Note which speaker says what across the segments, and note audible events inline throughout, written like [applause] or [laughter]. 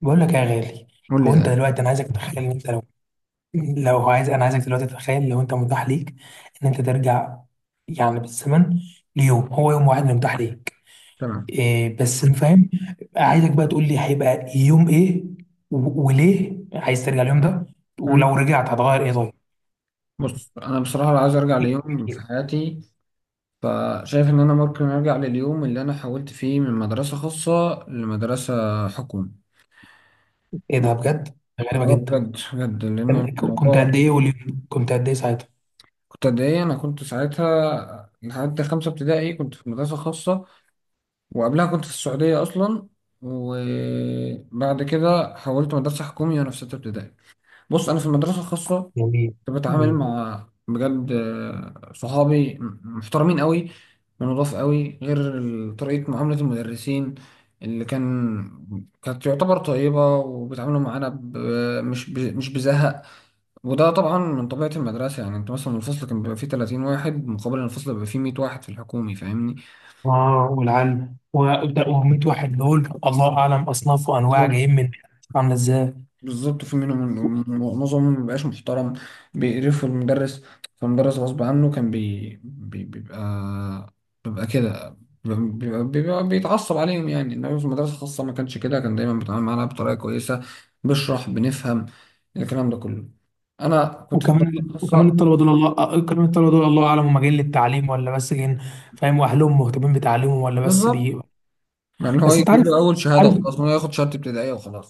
Speaker 1: بقول لك يا غالي.
Speaker 2: قول لي
Speaker 1: هو انت
Speaker 2: ده.
Speaker 1: دلوقتي انا عايزك تتخيل ان انت لو [clears throat] لو عايز، انا عايزك دلوقتي تتخيل لو انت متاح ليك ان انت ترجع يعني بالزمن ليوم، هو يوم واحد اللي متاح ليك.
Speaker 2: تمام.
Speaker 1: إيه بس أنا فاهم. عايزك بقى تقول لي هيبقى يوم ايه وليه عايز ترجع اليوم ده،
Speaker 2: مم.
Speaker 1: ولو رجعت هتغير ايه طيب.
Speaker 2: بص، انا بصراحه لو عايز ارجع ليوم في حياتي فشايف ان انا ممكن ارجع لليوم اللي انا حولت فيه من مدرسه خاصه لمدرسه حكومي.
Speaker 1: ايه
Speaker 2: بص،
Speaker 1: ده بجد غريبة
Speaker 2: اه
Speaker 1: جدا.
Speaker 2: بجد بجد لان
Speaker 1: كنت
Speaker 2: الموضوع.
Speaker 1: قد ايه واليوم كنت قد ايه ساعتها.
Speaker 2: كنت قد ايه؟ انا كنت ساعتها لحد خمسه ابتدائي كنت في مدرسه خاصه، وقبلها كنت في السعوديه اصلا، وبعد كده حولت مدرسه حكومي وانا في سته ابتدائي. بص، انا في المدرسه الخاصه
Speaker 1: جميل.
Speaker 2: بتعامل مع بجد صحابي محترمين قوي، ونضاف قوي، غير طريقة معاملة المدرسين اللي كانت تعتبر طيبة، وبيتعاملوا معانا مش بزهق. وده طبعا من طبيعة المدرسة، يعني انت مثلا الفصل كان بيبقى فيه 30 واحد، مقابل إن الفصل بيبقى فيه 100 واحد في الحكومي، فاهمني؟
Speaker 1: اه، والعلم وابدا، وميت واحد دول الله اعلم اصناف وانواع جايين من، عامله ازاي.
Speaker 2: بالظبط. في منهم، معظمهم مبيبقاش محترم، بيقرفوا المدرس، فالمدرس غصب عنه كان بيبقى، بيبقى كده، بيبقى بيتعصب عليهم، يعني. انما في المدرسة الخاصة ما كانش كده، كان دايما بيتعامل معانا بطريقة كويسة، بشرح، بنفهم الكلام ده كله. انا كنت في المدرسة
Speaker 1: وكمان
Speaker 2: الخاصة
Speaker 1: الطلبه دول الله، كمان الطلبه دول الله اعلم هم جايين للتعليم ولا بس جايين، فاهم، واهلهم مهتمين بتعليمهم ولا بس
Speaker 2: بالظبط.
Speaker 1: بي.
Speaker 2: يعني هو
Speaker 1: بس انت
Speaker 2: يجيب
Speaker 1: عارف،
Speaker 2: له اول شهادة
Speaker 1: عارف.
Speaker 2: وخلاص، هو ياخد شهادة ابتدائية وخلاص.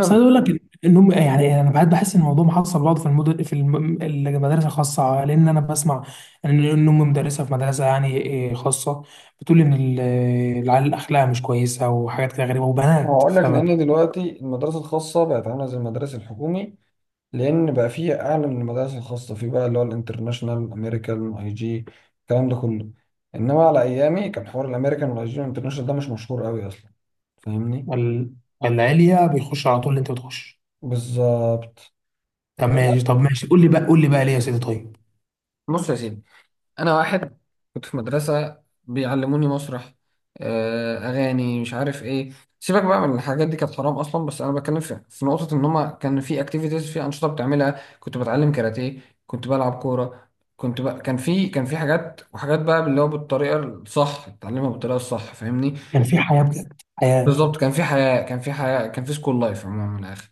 Speaker 1: بس انا اقول لك ان هم، يعني انا بعد بحس ان الموضوع محصل بعض في المدن في المدارس الخاصه، لان انا بسمع ان امي مدرسه في مدرسه يعني خاصه، بتقول ان العيال اخلاقها مش كويسه وحاجات كده غريبه وبنات.
Speaker 2: هقول لك لان دلوقتي المدارس الخاصة بقت عاملة زي المدارس الحكومي، لان بقى فيه اعلى من المدارس الخاصه، في بقى اللي هو الانترناشونال، امريكان، اي جي، الكلام ده كله. انما على ايامي كان حوار الامريكان والاي جي والانترناشونال ده مش مشهور قوي اصلا، فاهمني؟
Speaker 1: وال- والعليا بيخش على طول اللي انت بتخش.
Speaker 2: بالظبط.
Speaker 1: طب ماشي، طب ماشي، قول لي بقى، قول لي بقى ليه يا سيدي طيب.
Speaker 2: بص يا سيدي، انا واحد كنت في مدرسه بيعلموني مسرح، اغاني، مش عارف ايه. سيبك بقى من الحاجات دي، كانت حرام اصلا، بس انا بتكلم في نقطه ان هما كان في اكتيفيتيز، في انشطه بتعملها، كنت بتعلم كاراتيه، كنت بلعب كوره، كنت بقى كان في حاجات وحاجات بقى اللي هو بالطريقه الصح، اتعلمها بالطريقه الصح، فاهمني؟
Speaker 1: كان في حياه بجد، حياه
Speaker 2: بالظبط. كان في حياه، كان في حياه، كان في سكول لايف، عموما من الاخر.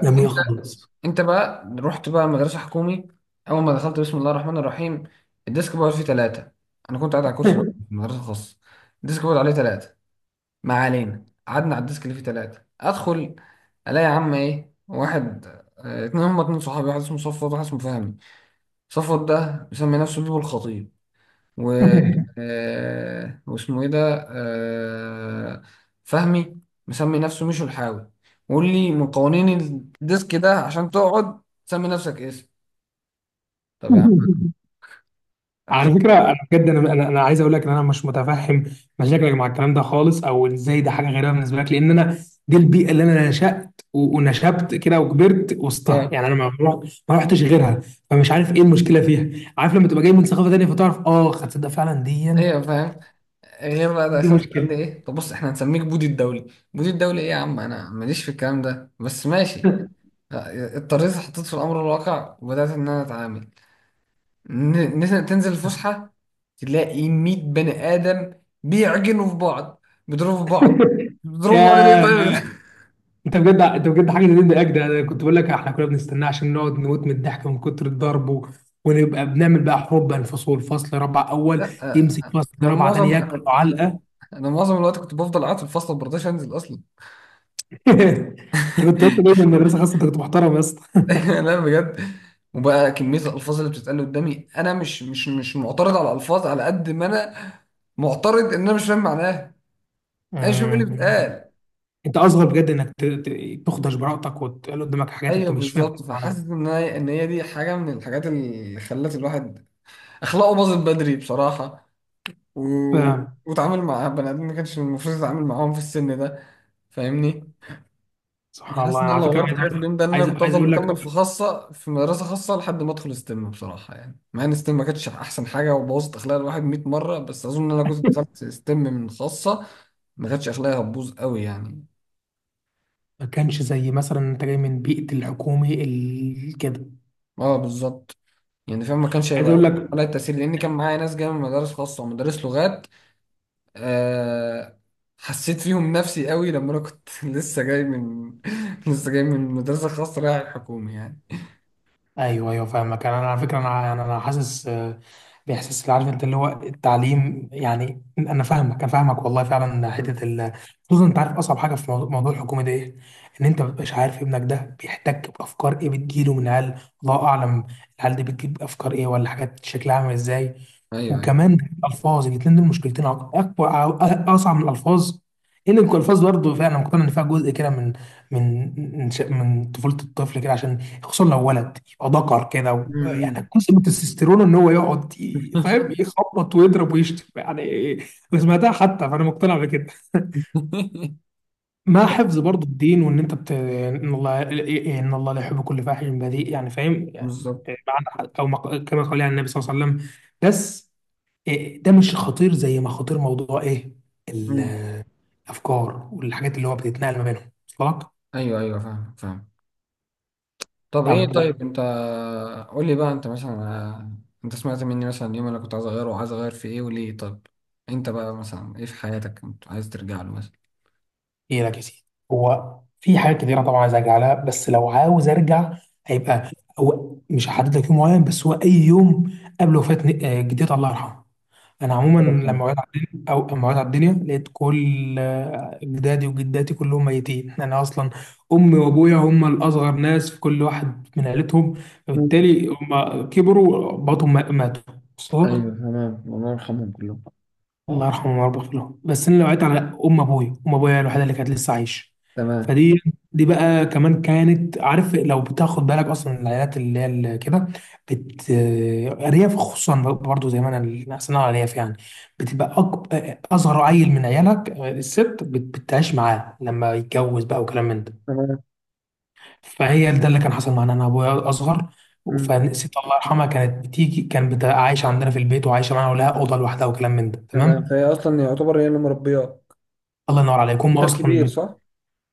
Speaker 1: جميله خالص.
Speaker 2: انت بقى رحت بقى مدرسة حكومي، اول ما دخلت بسم الله الرحمن الرحيم الديسك بورد فيه ثلاثة. انا كنت قاعد على كرسي لوحدي في
Speaker 1: [laughs]
Speaker 2: مدرسة خاصة، الديسك بورد عليه ثلاثة. ما علينا، قعدنا على الديسك اللي فيه ثلاثة. ادخل الاقي يا عم ايه؟ واحد اتنين، هما اتنين صحابي، واحد اسمه صفوت واحد اسمه فهمي. صفوت ده مسمي نفسه بيبو الخطيب، و آه، واسمه ايه ده آه، فهمي مسمي نفسه مشو الحاوي. وقول لي من قوانين الديسك ده عشان تقعد سمي نفسك اسم. طب يا عم انا مش.
Speaker 1: على فكره انا بجد، انا أنا عايز اقول لك ان انا مش متفهم مشاكلك مع الكلام ده خالص، او ازاي ده حاجه غريبه بالنسبه لك، لان انا دي البيئه اللي انا نشات ونشبت كده وكبرت وسطها،
Speaker 2: اه
Speaker 1: يعني انا ما رحتش غيرها، فمش عارف ايه المشكله فيها. عارف، لما تبقى جاي من ثقافه تانيه فتعرف اه خد ده فعلا دي
Speaker 2: ايوه فاهم. غير بقى،
Speaker 1: دي
Speaker 2: دخلت قال لي
Speaker 1: مشكله.
Speaker 2: ايه؟ طب بص احنا هنسميك بودي الدولي. بودي الدولي ايه يا عم؟ انا ماليش في الكلام ده، بس ماشي. اضطريت، حطيت في الامر الواقع، وبدات ان انا اتعامل. تنزل الفسحة، تلاقي 100 بني آدم بيعجنوا في بعض، بيضربوا في بعض.
Speaker 1: [laughs] يا،
Speaker 2: بيضربوا بعض ليه طيب؟
Speaker 1: يا
Speaker 2: [laughs]
Speaker 1: انت بجد، انت بجد حاجه زي دي اجدى. انا كنت بقول لك احنا كنا بنستناه عشان نقعد نموت من الضحك ومن كتر الضرب ونبقى بنعمل بقى حروب بين فصول، فصل رابعه اول
Speaker 2: لا،
Speaker 1: يمسك فصل
Speaker 2: أنا
Speaker 1: رابعه تاني
Speaker 2: معظم
Speaker 1: ياكل
Speaker 2: أنا
Speaker 1: علقه.
Speaker 2: أنا أنا معظم الوقت كنت بفضل قاعد في الفصل، ما برضاش أنزل أصلا.
Speaker 1: [laughs] انت كنت اصلا جاي من
Speaker 2: [laughs]
Speaker 1: المدرسه خاصه، انت كنت محترم يا اسطى. [laughs]
Speaker 2: لا بجد. وبقى كمية الألفاظ اللي بتتقال قدامي، أنا مش معترض على الألفاظ على قد ما أنا معترض إن أنا مش فاهم معناها. أنا مش فاهم إيه اللي
Speaker 1: مم.
Speaker 2: بيتقال.
Speaker 1: انت اصغر بجد انك تخدش براءتك وتقول قدامك حاجات انت
Speaker 2: أيوه
Speaker 1: مش فاهم
Speaker 2: بالظبط، فحاسس
Speaker 1: معناها.
Speaker 2: إن هي دي حاجة من الحاجات اللي خلت الواحد اخلاقه باظت بدري بصراحه، و...
Speaker 1: فاهم.
Speaker 2: واتعامل مع بني ادمين ما كانش المفروض يتعامل معاهم في السن ده، فاهمني؟
Speaker 1: سبحان الله،
Speaker 2: حاسس ان
Speaker 1: انا
Speaker 2: انا
Speaker 1: على
Speaker 2: لو
Speaker 1: فكره
Speaker 2: غيرت
Speaker 1: عايز
Speaker 2: حاجه في
Speaker 1: اقول،
Speaker 2: اليوم ده ان انا كنت
Speaker 1: عايز
Speaker 2: افضل
Speaker 1: اقول
Speaker 2: مكمل
Speaker 1: لك،
Speaker 2: في مدرسه خاصه لحد ما ادخل ستيم بصراحه، يعني مع ان ستيم ما كانتش احسن حاجه وبوظت اخلاق الواحد 100 مره، بس اظن ان انا كنت دخلت ستيم من خاصه ما كانتش اخلاقي هتبوظ قوي يعني.
Speaker 1: ما كانش زي مثلا انت جاي من بيئه الحكومي كده.
Speaker 2: اه بالظبط، يعني فاهم ما كانش
Speaker 1: عايز اقول
Speaker 2: هيبقى
Speaker 1: لك،
Speaker 2: عليا التاثير، لان كان معايا ناس جايه من مدارس خاصه ومدارس لغات. آه، حسيت فيهم نفسي قوي لما انا كنت [laughs] لسه جاي من [laughs] لسه جاي من مدرسة خاصة رايح الحكومي يعني.
Speaker 1: ايوه ايوه فاهمك. أنا على فكره انا يعني انا حاسس باحساس اللي عارف انت اللي هو التعليم، يعني انا فاهمك انا فاهمك والله فعلا،
Speaker 2: مم.
Speaker 1: حته خصوصا، انت عارف اصعب حاجه في موضوع، موضوع الحكومه ده ايه؟ ان انت مبتبقاش عارف ابنك ده بيحتك بافكار ايه بتجيله من عيال، الله اعلم، العيال دي بتجيب افكار ايه ولا حاجات شكلها عامل ازاي.
Speaker 2: ايوه ايوه.
Speaker 1: وكمان الالفاظ، الاثنين دول مشكلتين، اكبر اصعب من الالفاظ، ان الالفاظ برضه فعلا مقتنع ان فيها جزء كده من من من طفوله الطفل كده، عشان خصوصا لو ولد ذكر كده
Speaker 2: مم.
Speaker 1: يعني جزء من التستيرون ان هو يقعد فاهم، يخبط ويضرب ويشتم يعني. انا سمعتها حتى، فانا مقتنع بكده. [laughs]
Speaker 2: [laughs]
Speaker 1: مع حفظ برضه الدين، وان انت بت... ان الله، ان الله لا يحب كل فاحش بذيء، يعني فاهم يعني
Speaker 2: بالظبط.
Speaker 1: معنى كما قال يعني النبي صلى الله عليه وسلم. بس إيه، ده مش خطير زي ما خطير موضوع ايه،
Speaker 2: مم.
Speaker 1: ال- الافكار والحاجات اللي هو بتتنقل ما بينهم. وصل لك؟
Speaker 2: ايوه ايوه فاهم فاهم. طب ايه
Speaker 1: طب
Speaker 2: طيب انت، قول لي بقى انت مثلا، انت سمعت مني مثلا اليوم انا كنت عايز اغيره وعايز اغير في ايه وليه. طب انت بقى مثلا ايه في حياتك انت عايز ترجع له مثلا؟
Speaker 1: ايه لك يا سيدي، هو في حاجات كتيره طبعا عايز ارجع لها، بس لو عاوز ارجع هيبقى، هو مش هحدد لك يوم معين، بس هو اي يوم قبل وفاه جدتي الله يرحمها. انا عموما
Speaker 2: رقم.
Speaker 1: لما وعيت على الدنيا، او لما وعيت على الدنيا لقيت كل جدادي وجداتي كلهم ميتين، انا اصلا امي وابويا هم الاصغر ناس في كل واحد من عيلتهم،
Speaker 2: مم.
Speaker 1: فبالتالي هم كبروا بعضهم ماتوا.
Speaker 2: ايوه
Speaker 1: وصلك؟
Speaker 2: تمام، الله يرحمهم كلهم. آه.
Speaker 1: الله يرحمه ويربط له. بس انا وقعت على ام ابويا، ام ابويا الوحيده اللي كانت لسه عايشه،
Speaker 2: تمام.
Speaker 1: فدي، دي بقى كمان كانت، عارف لو بتاخد بالك اصلا العائلات اللي هي اللي كده بت، ارياف خصوصا، برضو زي ما انا احسن، على الارياف يعني بتبقى اصغر عيل من عيالك الست بتعيش معاه لما يتجوز بقى وكلام من ده.
Speaker 2: تمام.
Speaker 1: فهي ده اللي كان حصل معانا، انا ابويا اصغر،
Speaker 2: مم.
Speaker 1: فالست الله يرحمها كانت بتيجي، كانت بتبقى عايشه عندنا في البيت وعايشه معانا ولها اوضه لوحدها وكلام من ده
Speaker 2: تمام،
Speaker 1: تمام.
Speaker 2: فهي اصلا يعتبر هي اللي مربياك.
Speaker 1: الله ينور عليك. هم
Speaker 2: انت
Speaker 1: اصلا
Speaker 2: الكبير
Speaker 1: بت...
Speaker 2: صح؟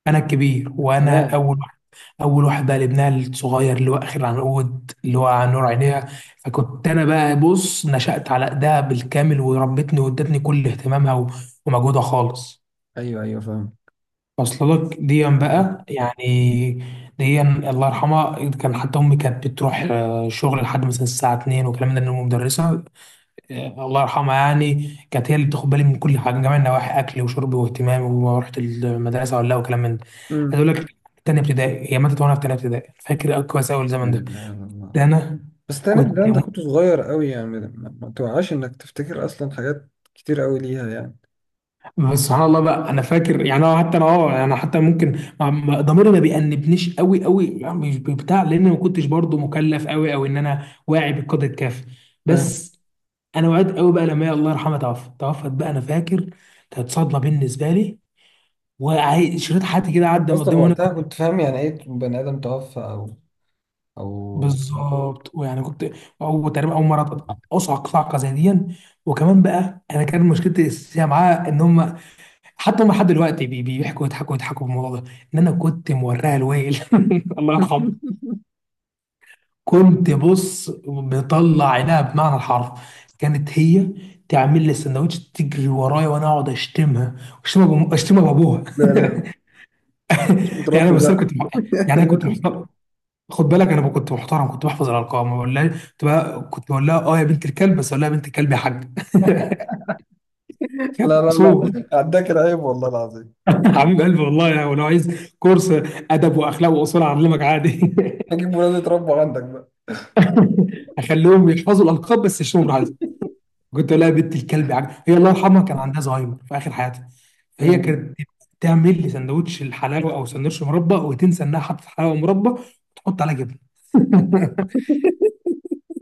Speaker 1: انا الكبير، وانا
Speaker 2: كمان.
Speaker 1: اول واحد، اول واحد بقى لابنها الصغير اللي هو اخر عنقود اللي هو عن نور عينيها، فكنت انا بقى بص نشأت على ايدها بالكامل، وربتني وادتني كل اهتمامها و... ومجهودها خالص.
Speaker 2: ايوه ايوه فاهم.
Speaker 1: وصل لك ديا
Speaker 2: تمام.
Speaker 1: بقى يعني؟ ديا الله يرحمها، كان حتى امي كانت بتروح شغل لحد مثلا الساعه 2 وكلام ده، إن أمي مدرسه. الله يرحمها، يعني كانت هي اللي بتاخد بالي من كل حاجه، من جميع النواحي، اكل وشرب واهتمام ورحت المدرسه ولا لا وكلام من ده. عايز
Speaker 2: امم.
Speaker 1: اقول لك، تانية ابتدائي هي ماتت، وانا في تانية ابتدائي. فاكر كويس قوي
Speaker 2: لا
Speaker 1: الزمن ده.
Speaker 2: إله إلا الله.
Speaker 1: ده انا
Speaker 2: بس تاني ده،
Speaker 1: كنت
Speaker 2: انت
Speaker 1: م-
Speaker 2: كنت صغير قوي يعني، ما ما توعاش انك تفتكر اصلا حاجات كتير قوي ليها يعني.
Speaker 1: بس سبحان الله بقى انا فاكر يعني. أنا حتى انا اه انا حتى ممكن ضميري ما بيأنبنيش قوي قوي يعني، مش بتاع، لان ما كنتش برضو مكلف قوي او ان انا واعي بالقدر الكافي.
Speaker 2: فاهم.
Speaker 1: بس انا وعيت قوي بقى لما هي الله يرحمها توفت بقى. انا فاكر كانت صدمه بالنسبه لي، شريط حياتي كده
Speaker 2: انت
Speaker 1: عدى من
Speaker 2: اصلا
Speaker 1: قدامي وانا
Speaker 2: وقتها
Speaker 1: كنت
Speaker 2: كنت فاهم يعني ايه بني ادم توفى؟ او او. [laughs]
Speaker 1: بالظبط. ويعني كنت اول تقريبا اول مره اصعق صعقه زي دي. وكمان بقى انا كان مشكلتي الاساسيه معاه ان هم، حتى هم لحد دلوقتي بيحكوا يضحكوا، يضحكوا بالموضوع ده ان انا كنت موريها الويل. [laughs] الله يرحمه. كنت بص بطلع عينها بمعنى الحرف. كانت هي تعمل لي السندوتش، تجري ورايا وانا اقعد اشتمها، اشتمها بابوها.
Speaker 2: لا لا لا،
Speaker 1: [laughs]
Speaker 2: مش
Speaker 1: يعني انا
Speaker 2: متربي
Speaker 1: بس انا كنت،
Speaker 2: بقى.
Speaker 1: يعني انا كنت
Speaker 2: [laughs]
Speaker 1: محترم، خد بالك انا كنت محترم، كنت بحفظ الارقام ما بقولهاش، كنت بقول لها اه يا بنت الكلب، بس اقول لها يا بنت الكلب يا حاج. [laughs] كانت
Speaker 2: لا لا لا،
Speaker 1: مصوب.
Speaker 2: عداك العيب والله العظيم.
Speaker 1: [laughs] حبيب قلبي والله يعني، ولو عايز كورس ادب واخلاق واصول اعلمك عادي.
Speaker 2: هجيب ولاد يتربوا عندك
Speaker 1: [laughs] اخليهم يحفظوا الالقاب بس، يشتموا براحتهم. كنت اقول لها يا بنت الكلب يا حاج. هي الله يرحمها كان عندها زهايمر في اخر حياتها، فهي
Speaker 2: بقى.
Speaker 1: كانت تعمل لي سندوتش الحلاوه او سندوتش مربى، وتنسى انها حطت حلاوه مربى وتحط عليها جبنه. [laughs]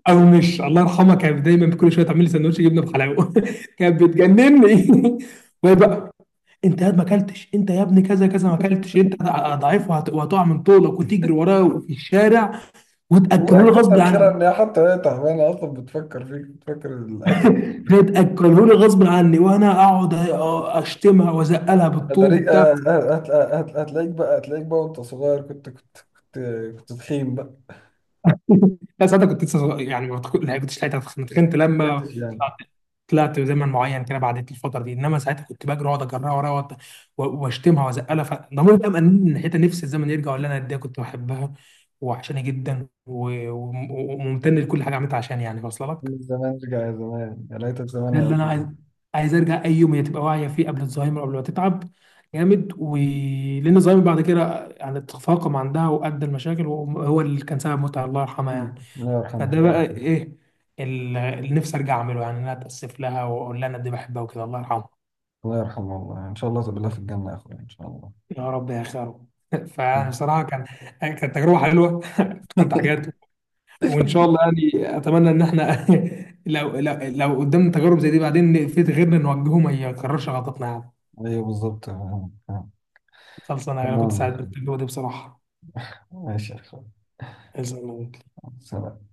Speaker 1: او مش، الله يرحمها كانت دايما كل شويه تعمل لي سندوتش جبنه بحلاوه. [laughs] كانت بتجنني. [laughs] وهي بقى، انت يا ما اكلتش، انت يا ابني كذا كذا ما اكلتش، انت ضعيف وهتقع من طولك، وتجري وراه في الشارع وتاكله لي
Speaker 2: والله
Speaker 1: غصب
Speaker 2: كتر خيرها
Speaker 1: عني.
Speaker 2: ان هي حتى هي تعبانه اصلا بتفكر فيك، بتفكر الاكل.
Speaker 1: تاكله لي غصب عني وانا اقعد اشتمها وازقلها بالطوب
Speaker 2: هتلاقيك
Speaker 1: وبتاع.
Speaker 2: هتلاقيك بقى، وانت صغير. كنت كنت تخين بقى.
Speaker 1: لا ساعتها كنت لسه صغير، يعني ما كنتش لحقت اتخنت،
Speaker 2: ما كنتش
Speaker 1: لما
Speaker 2: يعني.
Speaker 1: طلعت زمن معين كده بعدت الفتره دي. انما ساعتها كنت بجري، واقعد اجرها وراها واشتمها وازقلها، فضميري بقى مأنبني من ناحيتها. نفسي الزمن يرجع، ولا انا قد ايه كنت بحبها وعشاني جدا، وممتن لكل حاجه عملتها عشان، يعني واصله
Speaker 2: من
Speaker 1: لك؟
Speaker 2: زمان رجع يا زمان، يا ليتك زمان
Speaker 1: ده
Speaker 2: يا
Speaker 1: اللي انا عايز،
Speaker 2: ولد.
Speaker 1: عايز ارجع اي يوم هي تبقى واعيه فيه قبل الزهايمر، قبل ما تتعب جامد، ولان الزهايمر بعد كده يعني تفاقم عندها وادى المشاكل وهو اللي كان سبب موتها الله يرحمها
Speaker 2: أمم.
Speaker 1: يعني.
Speaker 2: الله يرحمه
Speaker 1: فده
Speaker 2: الله.
Speaker 1: بقى ايه اللي نفسي ارجع اعمله، يعني ان انا اتاسف لها واقول لها انا قد إيه بحبها وكده، الله يرحمها.
Speaker 2: الله يرحمه الله، ان شاء الله تقابلها في الجنه يا اخويا، ان شاء الله.
Speaker 1: يا رب يا خير. [laughs] فيعني صراحة كان، كانت تجربة حلوة. [laughs] افتكرت حاجات، وإن شاء الله يعني، أتمنى إن إحنا [laughs] لو قدامنا تجارب زي دي بعدين في غيرنا نوجهه ما يكررش غلطتنا يعني.
Speaker 2: ايوه بالظبط، تمام.
Speaker 1: خلص أنا كنت
Speaker 2: تمام
Speaker 1: سعيد بالتجربة دي بصراحة.
Speaker 2: ماشي يا اخويا. سلام.